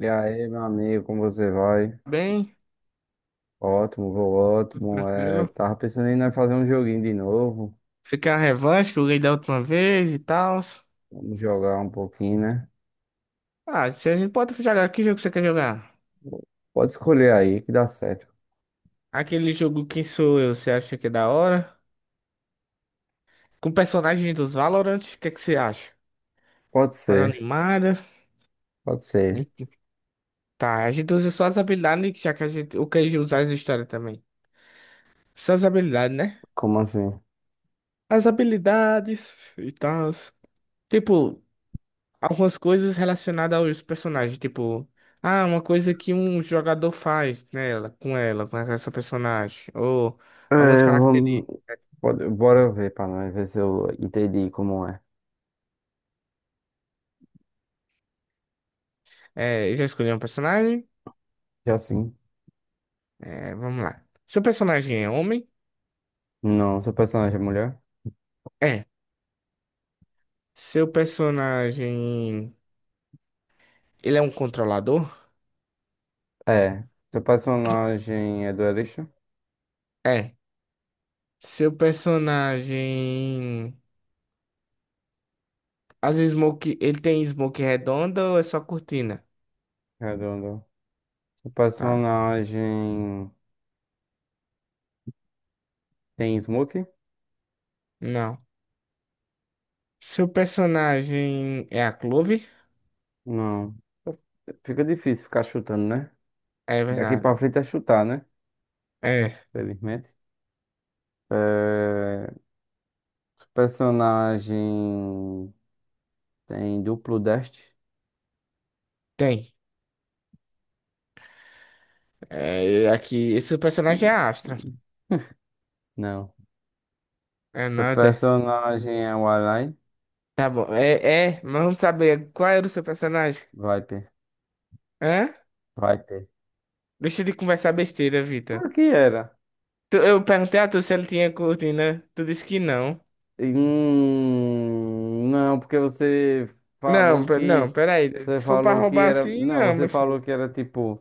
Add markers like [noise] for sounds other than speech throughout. E aí, meu amigo, como você vai? Bem, Ótimo, vou tudo ótimo. É, tranquilo. tava pensando em nós fazer um joguinho de novo. Você quer a revanche que eu ganhei da última vez e tal? Vamos jogar um pouquinho, né? Ah, se a gente pode jogar, que jogo você quer jogar? Pode escolher aí que dá certo. Aquele jogo Quem Sou Eu, você acha que é da hora? Com personagem dos Valorant, o que é que você acha? Pode Para ser, animada. pode ser. Tá, a gente usa só as habilidades, já que a gente. O que a gente usar as histórias também. Só as habilidades, né? Como assim? As habilidades e tal. Tipo, algumas coisas relacionadas aos personagens, tipo, ah, uma coisa que um jogador faz nela, com ela, com essa personagem, ou algumas É, vamos. características. Pode, bora ver pra nós ver se eu entendi como é. É, eu já escolhi um personagem. Já sim. É, vamos lá. Seu personagem é homem? Não, seu personagem é mulher? É. Seu personagem, ele é um controlador? É. Seu personagem é duelista? É. Seu personagem, as smoke, ele tem smoke redonda ou é só cortina? Redondo. Seu Tá. personagem tem smoke? Não. Seu personagem é a Clove? Não. Fica difícil ficar chutando, né? É Daqui pra verdade. frente é chutar, né? É. Felizmente. É... Seu personagem tem duplo deste? Tem. É, aqui, esse personagem é Astra. Não. É Seu nada. personagem é o Alain? Tá bom. É, é, mas vamos saber qual era o seu personagem. Viper. Hã? Viper. Deixa de conversar besteira, Vitor. Por que era? Eu perguntei a tu se ele tinha cortina. Tu disse que não. Não, porque você Não, falou pe- não, que. peraí. Você Se for pra falou que roubar era. assim, Não, não, você meu filho. falou que era tipo.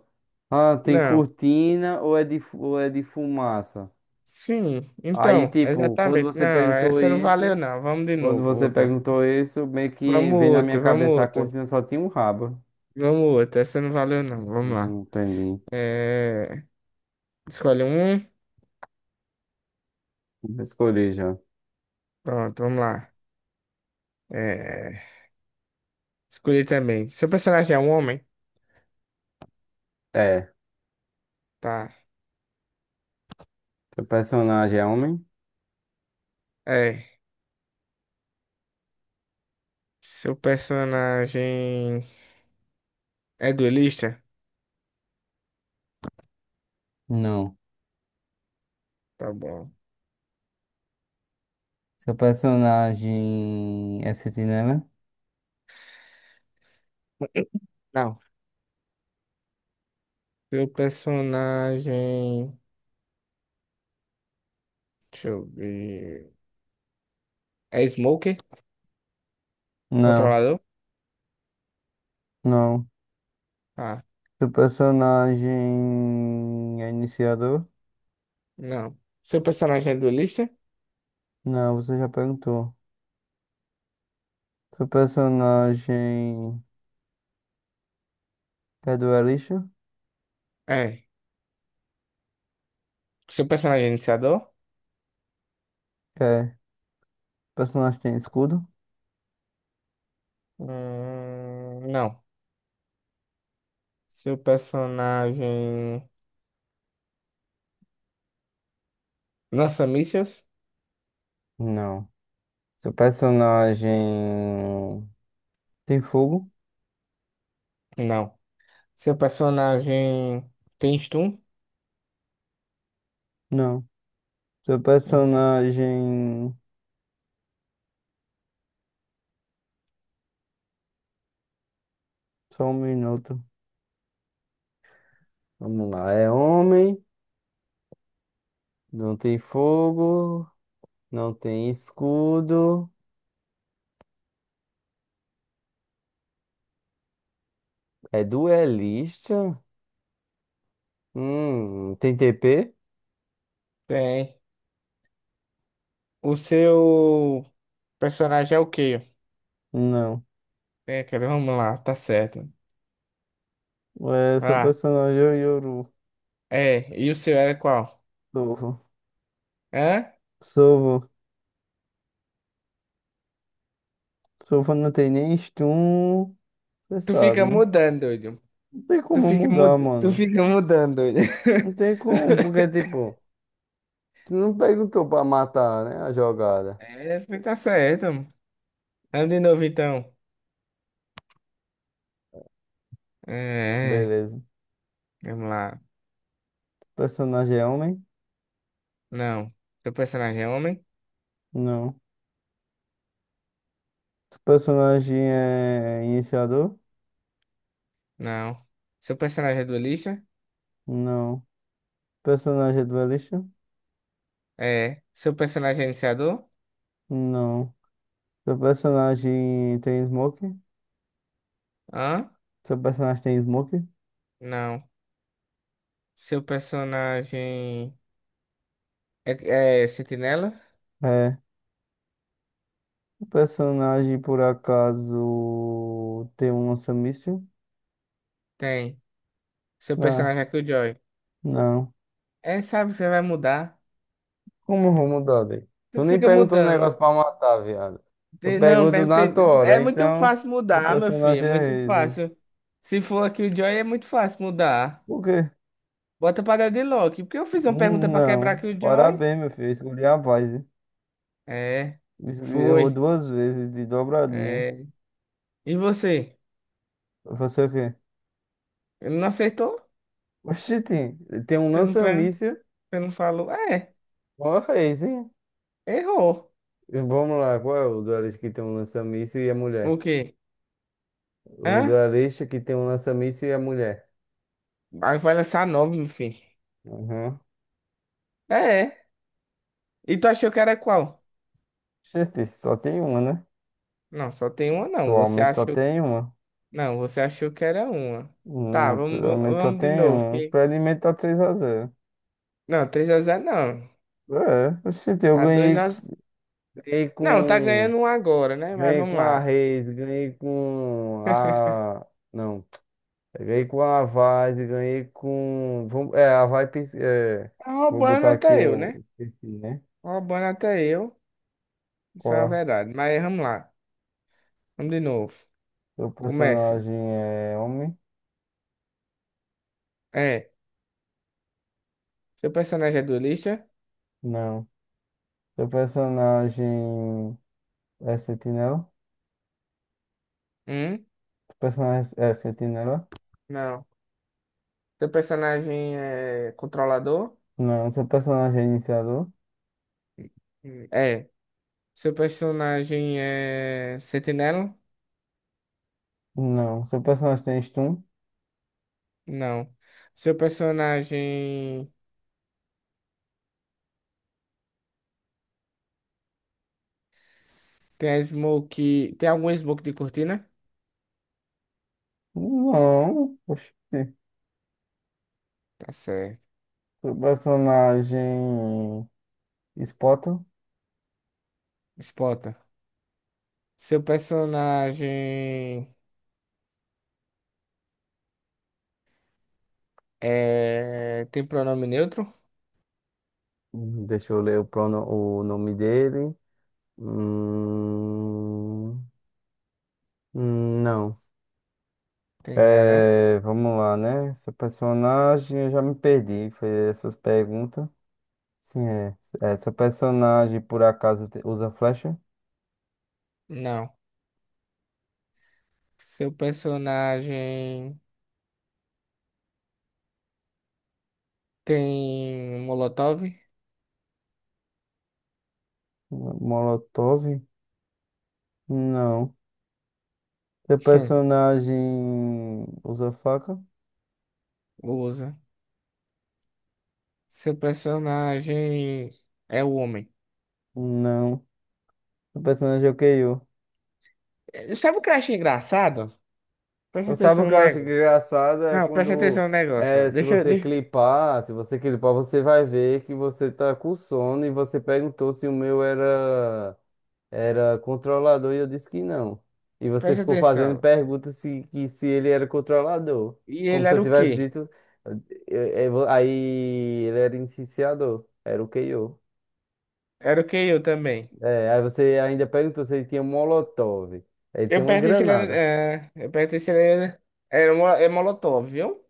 Ah, tem Não. cortina ou é de fumaça? Sim, Aí, então, tipo, quando exatamente. você Não, perguntou essa não valeu, isso, não. Vamos de quando novo, você outra. perguntou isso, meio que Vamos vem na outra, minha vamos cabeça a outra. cortina só tinha um rabo. Vamos outra. Essa não valeu, não. Vamos lá. Não entendi. É... Escolhe um. Eu escolhi já. Pronto, vamos lá. É, escolhi também. Seu personagem é um homem? É. Tá. Seu personagem é homem? É. Seu personagem é duelista? Não. Tá bom. Seu personagem é sentinela? [laughs] Não. Seu personagem. Deixa eu ver. É Smoker? Não, Controlador? não. Ah, Seu personagem é iniciador? não. Seu personagem é duelista? Não, você já perguntou. Seu personagem é duelista? É. Seu personagem é iniciador? É. Personagem tem escudo? Não. Seu personagem lança mísseis? Não. Seu personagem tem fogo? Não. Seu personagem tem stun? Não. Seu Hum, personagem. Só um minuto. Vamos lá. É homem, não tem fogo, não tem escudo. É duelista? Tem TP? Tem. O seu personagem é o quê? Não. É, cara, vamos lá, tá certo. É, seu Ah, personagem é o Yoru. é. E o seu era qual? Sovo. Hã? Sovo. Sovo não tem nem stun. Você Tu sabe, fica né? mudando, doido. Não tem Tu como fica mudar, mudando, mano. Doido. Não tem como, porque [laughs] tipo. Tu não perguntou pra matar, né? A jogada. É, tá certo. Vamos de novo, então. É, é, Beleza. O vamos lá. personagem é homem? Não. Seu personagem é homem? Não. O personagem é iniciador? Não. Seu personagem é duelista? Não. O personagem é duelista? É. Seu personagem é iniciador? Não. Seu personagem tem smoke? Hã? Seu personagem tem smoke? Não. Seu personagem é sentinela? É. O personagem, por acaso, tem um lança-míssil? Tem. Seu Ah, personagem é Killjoy. não. É, sabe, você vai mudar. Como eu vou mudar dele? Tu Tu nem fica perguntou um mudando. negócio pra matar, viado. Eu Não, pergunto na perguntei. tua É hora, muito então... fácil Seu mudar, meu filho. É personagem é muito Raze. fácil. Se for aqui o Joy é muito fácil mudar. Por quê? Bota pra dar de Loki. Porque eu fiz uma pergunta pra quebrar Não, aqui o Joy. parabéns, meu filho. Escolhi a paz, hein? É. Errou Foi. duas vezes de dobradinha. É. E você? Você o quê? Ele não acertou? Oxi, tem um Você não, per- lança-míssil. você não falou? É. Ó, reis, hein? Errou. Vamos lá, qual é o duelista que tem um lança-míssil e a O mulher? quê? Um Hã? duelista que tem um lança-míssil e a mulher. Aí vai lançar nove, meu filho. Uhum. É. E tu achou que era qual? Gente, só tem uma, né? Não, só tem uma não. Você Atualmente só achou. tem uma. Não, você achou que era uma. Tá, vamos, Atualmente só vamos de tem novo. uma. Que... Pra alimentar três x 0. Não, três x 0 não. É, oxi, eu Tá dois ganhei, x 0. ganhei Não, tá com. ganhando um agora, né? Mas Ganhei vamos com a lá. Reis, ganhei com a. Não, ganhei com a Vaz, ganhei com. Vamos... É, a Vai. É... Tá Vou roubando botar aqui até eu, né? o perfil, né? Tá roubando até eu. Isso é uma Qual? verdade. Mas vamos lá. Vamos de novo. É? Seu Começa. personagem é homem? É. Seu personagem é duelista? Não. Seu personagem é sentinela? Hum? Seu personagem é sentinela? Não. Seu personagem é controlador? Não. Seu personagem é iniciador? É. Seu personagem é sentinela? Não. Seu personagem tem stun? Não. Seu personagem. Tem a smoke. Tem algum smoke de cortina? Não. Oxi. Tá certo. Seu personagem. Spot? Spota. Seu personagem tem pronome neutro? Deixa eu ler o nome dele. Hum, não. Tem não, né? É, vamos lá, né? Seu personagem, eu já me perdi. Foi essas perguntas. Sim, é. É seu personagem, por acaso, usa flecha? Não. Seu personagem tem molotov? Molotov? Não. Seu Hum, personagem usa faca? Usa. Seu personagem é o homem. Não. Seu personagem é o KO. Sabe o que eu acho engraçado? Presta Não sabe atenção o no que eu acho negócio. engraçado? É Não, presta quando, atenção no negócio. é, se Deixa, você deixa... clipar, se você clipar, você vai ver que você tá com sono e você perguntou se o meu era controlador e eu disse que não. E você Presta ficou fazendo atenção. perguntas se, que se ele era controlador. E Como ele se eu era o tivesse quê? dito. Aí ele era iniciador, era o KO. Era o que eu também. É, aí você ainda perguntou se ele tinha Molotov. Ele tem Eu uma perguntei se ele era. granada. É, eu perguntei se ele era. É Molotov, viu?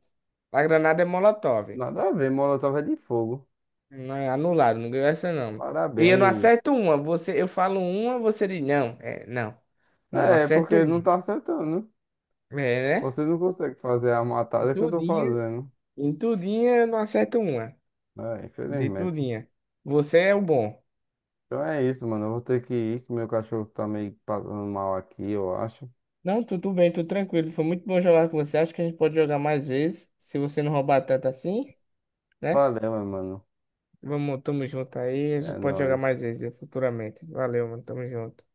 A granada é Molotov. Nada a ver, Molotov é de fogo. Não é anulado, não ganhou essa não. E eu não Parabéns. acerto uma. Você, eu falo uma, você diz não. É, não. Não É, acerto porque uma. não tá acertando. É, né? Você não consegue fazer a Em matada que eu tô Tudinha, fazendo. em tudinha eu não acerto uma. É, De infelizmente. tudinha. Você é o bom. Então é isso, mano. Eu vou ter que ir, que meu cachorro tá meio passando mal aqui, eu acho. Não, tudo bem, tudo tranquilo. Foi muito bom jogar com você. Acho que a gente pode jogar mais vezes. Se você não roubar tanto assim, né? Valeu, meu mano. Vamos, tamo junto aí. A É gente pode jogar nóis. mais vezes, né, futuramente. Valeu, mano. Tamo junto.